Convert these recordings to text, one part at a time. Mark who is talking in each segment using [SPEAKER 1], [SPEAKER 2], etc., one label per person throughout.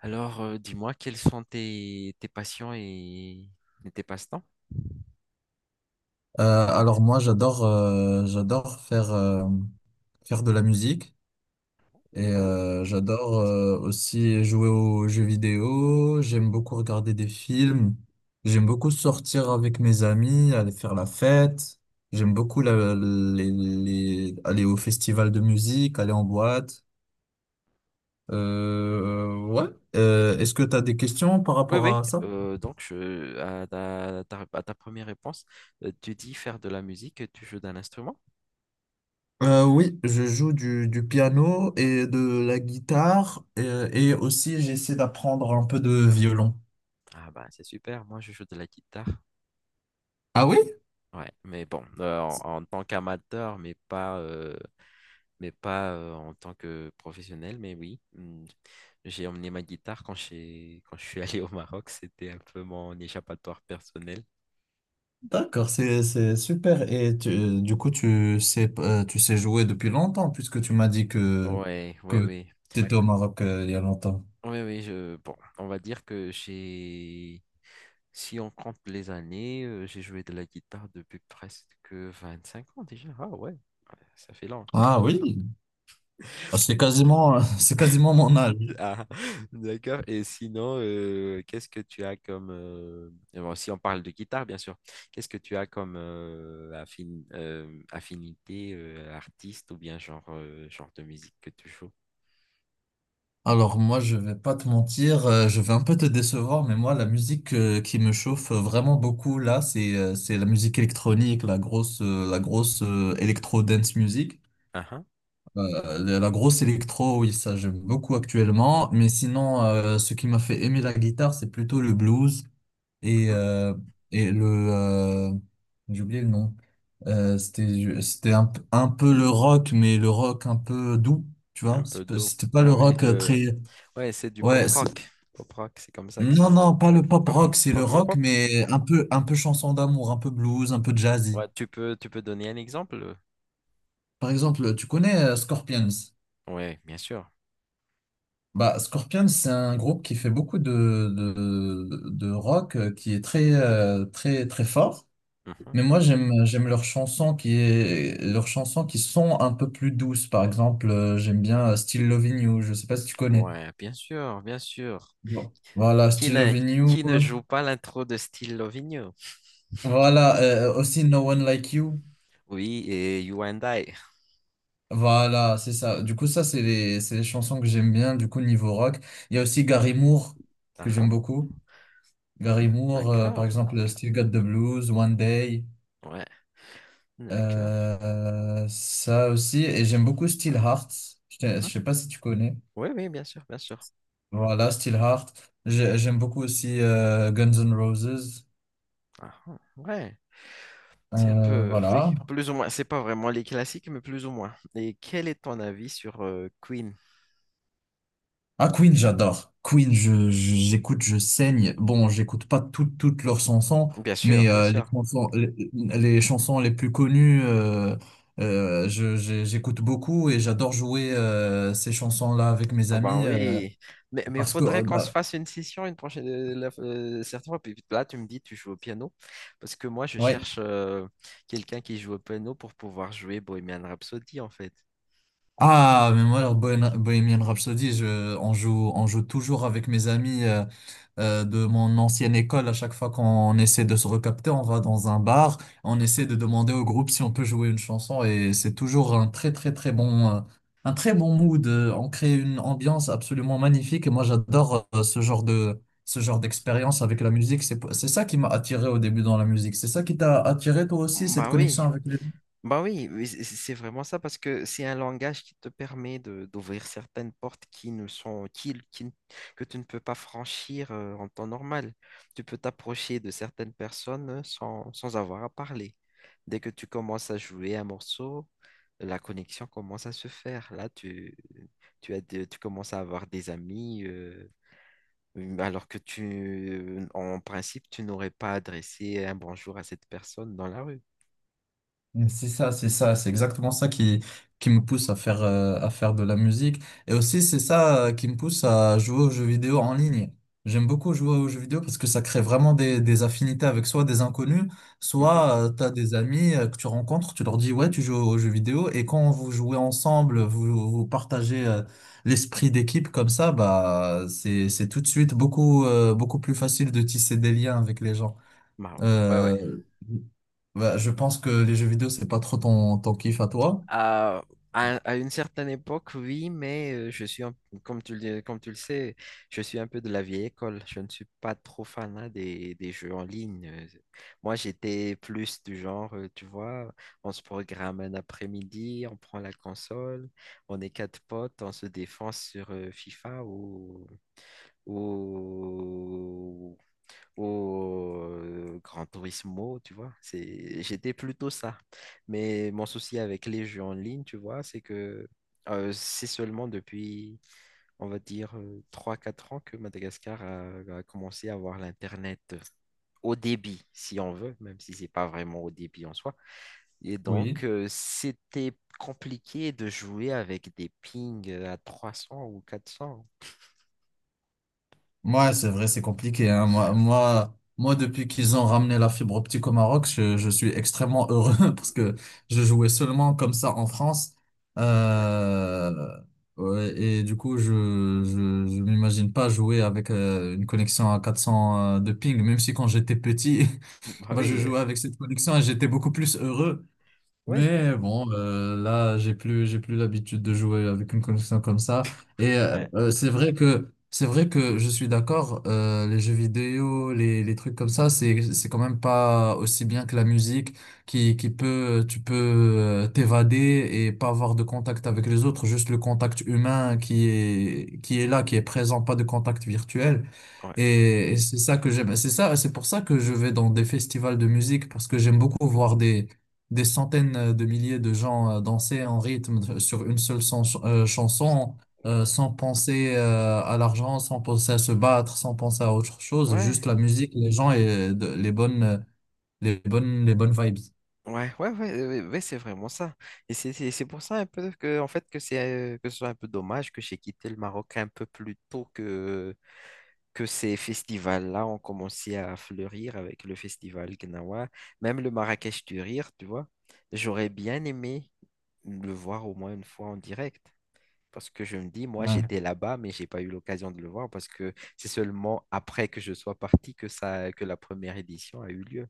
[SPEAKER 1] Dis-moi, quels sont tes passions et tes passe-temps?
[SPEAKER 2] Alors moi j'adore faire de la musique et
[SPEAKER 1] Ah bon?
[SPEAKER 2] j'adore aussi jouer aux jeux vidéo, j'aime beaucoup regarder des films, j'aime beaucoup sortir avec mes amis, aller faire la fête, j'aime beaucoup aller au festival de musique, aller en boîte. Ouais.
[SPEAKER 1] Et-
[SPEAKER 2] Est-ce que tu as des questions par
[SPEAKER 1] Oui,
[SPEAKER 2] rapport
[SPEAKER 1] oui.
[SPEAKER 2] à ça?
[SPEAKER 1] Donc, à ta première réponse, tu dis faire de la musique, tu joues d'un instrument?
[SPEAKER 2] Oui, je joue du piano et de la guitare, et, aussi j'essaie d'apprendre un peu de violon.
[SPEAKER 1] Ah bah, c'est super, moi je joue de la guitare.
[SPEAKER 2] Ah oui?
[SPEAKER 1] Ouais, mais bon, en tant qu'amateur, mais pas en tant que professionnel, mais oui. J'ai emmené ma guitare quand je suis allé au Maroc, c'était un peu mon échappatoire personnel.
[SPEAKER 2] D'accord, c'est super. Et du coup, tu sais, jouer depuis longtemps puisque tu m'as dit que,
[SPEAKER 1] Ouais,
[SPEAKER 2] que
[SPEAKER 1] oui, oui.
[SPEAKER 2] tu étais au Maroc il y a longtemps.
[SPEAKER 1] Oui, oui, bon, on va dire que si on compte les années, j'ai joué de la guitare depuis presque 25 ans déjà. Ah ouais, ouais, ça fait long.
[SPEAKER 2] Ah oui. Ah, c'est quasiment, c'est quasiment mon âge.
[SPEAKER 1] Ah, d'accord. Et sinon, qu'est-ce que tu as bon, si on parle de guitare, bien sûr, qu'est-ce que tu as comme affinité artiste ou bien genre, genre de musique que tu joues?
[SPEAKER 2] Alors moi, je vais pas te mentir, je vais un peu te décevoir, mais moi, la musique, qui me chauffe vraiment beaucoup là, c'est la musique électronique, la grosse électro dance music.
[SPEAKER 1] Ah, ah,
[SPEAKER 2] La grosse électro, oui, ça j'aime beaucoup actuellement. Mais sinon, ce qui m'a fait aimer la guitare, c'est plutôt le blues et
[SPEAKER 1] mhm.
[SPEAKER 2] le euh, j'ai oublié le nom. C'était un peu le rock, mais le rock un peu doux, tu
[SPEAKER 1] Un
[SPEAKER 2] vois.
[SPEAKER 1] peu d'eau.
[SPEAKER 2] C'était pas le
[SPEAKER 1] Ouais, ouais,
[SPEAKER 2] rock très.
[SPEAKER 1] ouais, c'est du pop
[SPEAKER 2] Ouais,
[SPEAKER 1] rock. Pop rock, c'est comme ça que ça.
[SPEAKER 2] non,
[SPEAKER 1] se...
[SPEAKER 2] non, pas le pop rock, c'est le
[SPEAKER 1] Parle-moi
[SPEAKER 2] rock,
[SPEAKER 1] pas.
[SPEAKER 2] mais un peu chanson d'amour, un peu blues, un peu jazzy.
[SPEAKER 1] Ouais, tu peux donner un exemple?
[SPEAKER 2] Par exemple, tu connais Scorpions?
[SPEAKER 1] Ouais, bien sûr.
[SPEAKER 2] Bah, Scorpions, c'est un groupe qui fait beaucoup de rock, qui est très, très, très fort.
[SPEAKER 1] Mhm.
[SPEAKER 2] Mais moi, j'aime leurs chansons qui sont un peu plus douces. Par exemple, j'aime bien Still Loving You. Je sais pas si tu connais.
[SPEAKER 1] Ouais, bien sûr, bien sûr.
[SPEAKER 2] Bon. Voilà,
[SPEAKER 1] Qui
[SPEAKER 2] Still
[SPEAKER 1] ne,
[SPEAKER 2] Loving You.
[SPEAKER 1] qui ne joue pas l'intro de Style Loving.
[SPEAKER 2] Voilà, aussi No One Like You.
[SPEAKER 1] Oui, et You and I.
[SPEAKER 2] Voilà, c'est ça. Du coup, ça, c'est les chansons que j'aime bien, du coup, niveau rock. Il y a aussi Gary Moore, que
[SPEAKER 1] Ah ah,
[SPEAKER 2] j'aime beaucoup.
[SPEAKER 1] mhm.
[SPEAKER 2] Gary Moore, par
[SPEAKER 1] D'accord.
[SPEAKER 2] exemple, Still Got the Blues, One Day,
[SPEAKER 1] Ouais, d'accord.
[SPEAKER 2] ça aussi. Et j'aime beaucoup Steelheart.
[SPEAKER 1] Mhm.
[SPEAKER 2] Je sais pas si tu connais.
[SPEAKER 1] Oui, oui, bien sûr, bien sûr.
[SPEAKER 2] Voilà, Steelheart. J'aime beaucoup aussi Guns N' Roses.
[SPEAKER 1] Ah ah, ouais, c'est un peu, oui,
[SPEAKER 2] Voilà.
[SPEAKER 1] plus ou moins. C'est pas vraiment les classiques, mais plus ou moins. Et quel est ton avis sur Queen?
[SPEAKER 2] Ah, Queen, j'adore. Queen, j'écoute, je saigne. Bon, j'écoute pas toutes leurs chansons,
[SPEAKER 1] Bien sûr,
[SPEAKER 2] mais
[SPEAKER 1] bien sûr.
[SPEAKER 2] les chansons les plus connues, j'écoute beaucoup et j'adore jouer ces chansons-là avec mes
[SPEAKER 1] Ah ben
[SPEAKER 2] amis,
[SPEAKER 1] oui, mais il
[SPEAKER 2] parce que
[SPEAKER 1] faudrait qu'on se fasse une session une prochaine certaines fois. Puis là, tu me dis tu joues au piano parce que moi je
[SPEAKER 2] ouais.
[SPEAKER 1] cherche quelqu'un qui joue au piano pour pouvoir jouer Bohemian Rhapsody en fait.
[SPEAKER 2] Ah, mais moi, alors, Bohemian Rhapsody, on joue toujours avec mes amis, de mon ancienne école. À chaque fois qu'on essaie de se recapter, on va dans un bar, on essaie
[SPEAKER 1] Mhm.
[SPEAKER 2] de demander au groupe si on peut jouer une chanson et c'est toujours un très très très un très bon mood. On crée une ambiance absolument magnifique et moi j'adore ce genre d'expérience avec la musique. C'est ça qui m'a attiré au début dans la musique. C'est ça qui t'a attiré toi aussi, cette
[SPEAKER 1] Bah
[SPEAKER 2] connexion
[SPEAKER 1] oui,
[SPEAKER 2] avec les.
[SPEAKER 1] bah oui, oui, c'est vraiment ça parce que c'est un langage qui te permet de d'ouvrir certaines portes qui ne sont qui ne- que tu ne peux pas franchir en temps normal. Tu peux t'approcher de certaines personnes sans avoir à parler. Dès que tu commences à jouer un morceau, la connexion commence à se faire. Là, tu tu commences à avoir des amis, alors que tu en principe tu n'aurais pas adressé un bonjour à cette personne dans la rue.
[SPEAKER 2] C'est ça, c'est ça, c'est exactement ça qui me pousse à faire de la musique. Et aussi, c'est ça, qui me pousse à jouer aux jeux vidéo en ligne. J'aime beaucoup jouer aux jeux vidéo parce que ça crée vraiment des affinités avec soit des inconnus,
[SPEAKER 1] Mhm.
[SPEAKER 2] soit tu as des amis, que tu rencontres, tu leur dis, ouais, tu joues aux jeux vidéo. Et quand vous jouez ensemble, vous partagez l'esprit d'équipe. Comme ça, bah, c'est tout de suite beaucoup plus facile de tisser des liens avec les gens.
[SPEAKER 1] Bah oui. Ouais, ouais.
[SPEAKER 2] Euh, Bah, je pense que les jeux vidéo, c'est pas trop ton kiff à toi.
[SPEAKER 1] À, à une certaine époque, oui, mais comme tu le sais, je suis un peu de la vieille école. Je ne suis pas trop fanat des jeux en ligne. Moi, j'étais plus du genre, tu vois, on se programme un après-midi, on prend la console, on est quatre potes, on se défonce sur FIFA ou au Gran Turismo, tu vois. J'étais plutôt ça. Mais mon souci avec les jeux en ligne, tu vois, c'est que c'est seulement depuis, on va dire, trois quatre ans que Madagascar a commencé à avoir l'Internet au débit, si on veut, même si c'est pas vraiment au débit en soi. Et
[SPEAKER 2] Oui.
[SPEAKER 1] donc, c'était compliqué de jouer avec des pings à trois cents ou 400.
[SPEAKER 2] Moi, c'est vrai, c'est compliqué, hein. Moi, depuis qu'ils ont ramené la fibre optique au Maroc, je suis extrêmement heureux parce que je jouais seulement comme ça en France.
[SPEAKER 1] Ouais.
[SPEAKER 2] Euh, ouais, et du coup, je, je m'imagine pas jouer avec une connexion à 400, de ping, même si quand j'étais petit,
[SPEAKER 1] Bah
[SPEAKER 2] bah, je
[SPEAKER 1] oui,
[SPEAKER 2] jouais avec cette connexion et j'étais beaucoup plus heureux.
[SPEAKER 1] ouais.
[SPEAKER 2] Mais bon, là, j'ai plus l'habitude de jouer avec une connexion comme ça. Et
[SPEAKER 1] Ouais.
[SPEAKER 2] c'est vrai que je suis d'accord. Les jeux vidéo, les trucs comme ça, c'est quand même pas aussi bien que la musique, tu peux t'évader et pas avoir de contact avec les autres, juste le contact humain qui est là, qui est présent, pas de contact virtuel.
[SPEAKER 1] Ouais.
[SPEAKER 2] Et c'est ça que j'aime. C'est ça, c'est pour ça que je vais dans des festivals de musique parce que j'aime beaucoup voir des centaines, de milliers de gens, danser en rythme, sur une seule chanson, sans
[SPEAKER 1] Ouais.
[SPEAKER 2] penser, à l'argent, sans penser à se battre, sans penser à autre chose,
[SPEAKER 1] Ouais.
[SPEAKER 2] juste la musique, les gens et les bonnes vibes.
[SPEAKER 1] Ouais, ouais, ouais, ouais, ouais, c'est vraiment ça. Et c'est pour ça un peu en fait, que ce soit un peu dommage que j'ai quitté le Maroc un peu plus tôt que ces festivals-là ont commencé à fleurir avec le festival Gnawa, même le Marrakech du Rire, tu vois. J'aurais bien aimé le voir au moins une fois en direct. Parce que je me dis, moi,
[SPEAKER 2] Ouais.
[SPEAKER 1] j'étais là-bas, mais j'ai pas eu l'occasion de le voir parce que c'est seulement après que je sois parti que la première édition a eu lieu.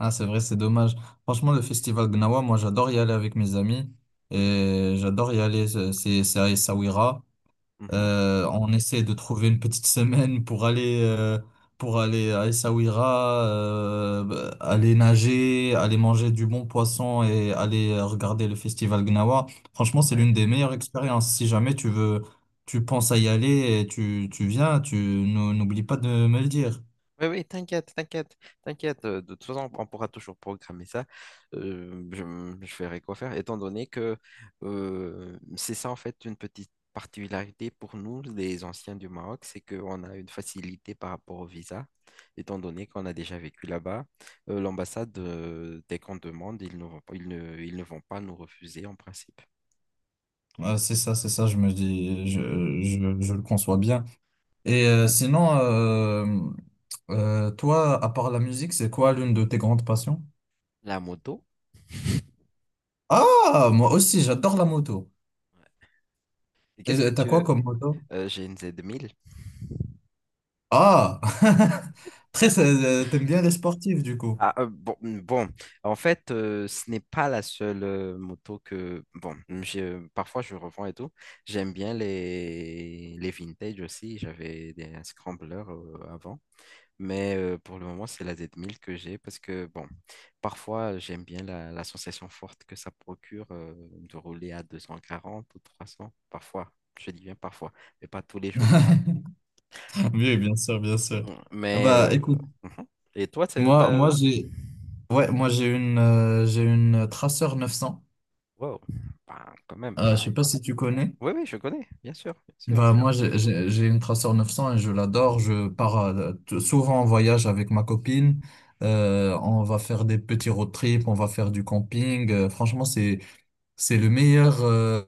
[SPEAKER 2] Ah, c'est vrai, c'est dommage. Franchement, le festival Gnawa, moi, j'adore y aller avec mes amis
[SPEAKER 1] Mhm.
[SPEAKER 2] et j'adore y aller. C'est à Essaouira.
[SPEAKER 1] Mhm.
[SPEAKER 2] On essaie de trouver une petite semaine pour aller à Essaouira, bah, aller nager, aller manger du bon poisson et aller regarder le festival Gnawa. Franchement, c'est
[SPEAKER 1] Ouais.
[SPEAKER 2] l'une des meilleures expériences. Si jamais tu veux, tu penses à y aller et tu viens, n'oublie pas de me le dire.
[SPEAKER 1] Oui, oui, t'inquiète, t'inquiète, t'inquiète. De toute façon, on pourra toujours programmer ça. Je verrai quoi faire, étant donné que c'est ça, en fait, une petite particularité pour nous, les anciens du Maroc, c'est qu'on a une facilité par rapport au visa, étant donné qu'on a déjà vécu là-bas. L'ambassade, dès qu'on demande, ils ne vont pas nous refuser en principe.
[SPEAKER 2] C'est ça, c'est ça, je me dis, je le conçois bien. Et sinon, toi, à part la musique, c'est quoi l'une de tes grandes passions?
[SPEAKER 1] La moto,
[SPEAKER 2] Ah, moi aussi, j'adore la moto.
[SPEAKER 1] et
[SPEAKER 2] Et
[SPEAKER 1] qu'est-ce que
[SPEAKER 2] t'as
[SPEAKER 1] tu...
[SPEAKER 2] quoi comme moto?
[SPEAKER 1] J'ai une Z1000.
[SPEAKER 2] Ah, très, t'aimes bien les sportifs du coup.
[SPEAKER 1] Ah, euh, bon, mm, bon, En fait, ce n'est pas la seule moto que... Bon, parfois je revends et tout. J'aime bien les vintage aussi. J'avais des scramblers avant. Mais pour le moment, c'est la Z1000 que j'ai parce que, bon, parfois j'aime bien la sensation forte que ça procure de rouler à 240 ou 300. Parfois, je dis bien parfois, mais pas tous les jours.
[SPEAKER 2] Oui, bien sûr, bien sûr. Ah,
[SPEAKER 1] Mais...
[SPEAKER 2] bah, écoute,
[SPEAKER 1] mhm. Et toi, c'est...
[SPEAKER 2] moi, moi j'ai, ouais, moi j'ai une, Tracer 900.
[SPEAKER 1] Wow, ben quand même.
[SPEAKER 2] Je sais pas si tu connais.
[SPEAKER 1] Oui, oui, je connais, bien sûr, bien sûr.
[SPEAKER 2] Bah, moi, j'ai une Tracer 900 et je l'adore. Je pars souvent en voyage avec ma copine. On va faire des petits road trips, on va faire du camping. Franchement, c'est le meilleur.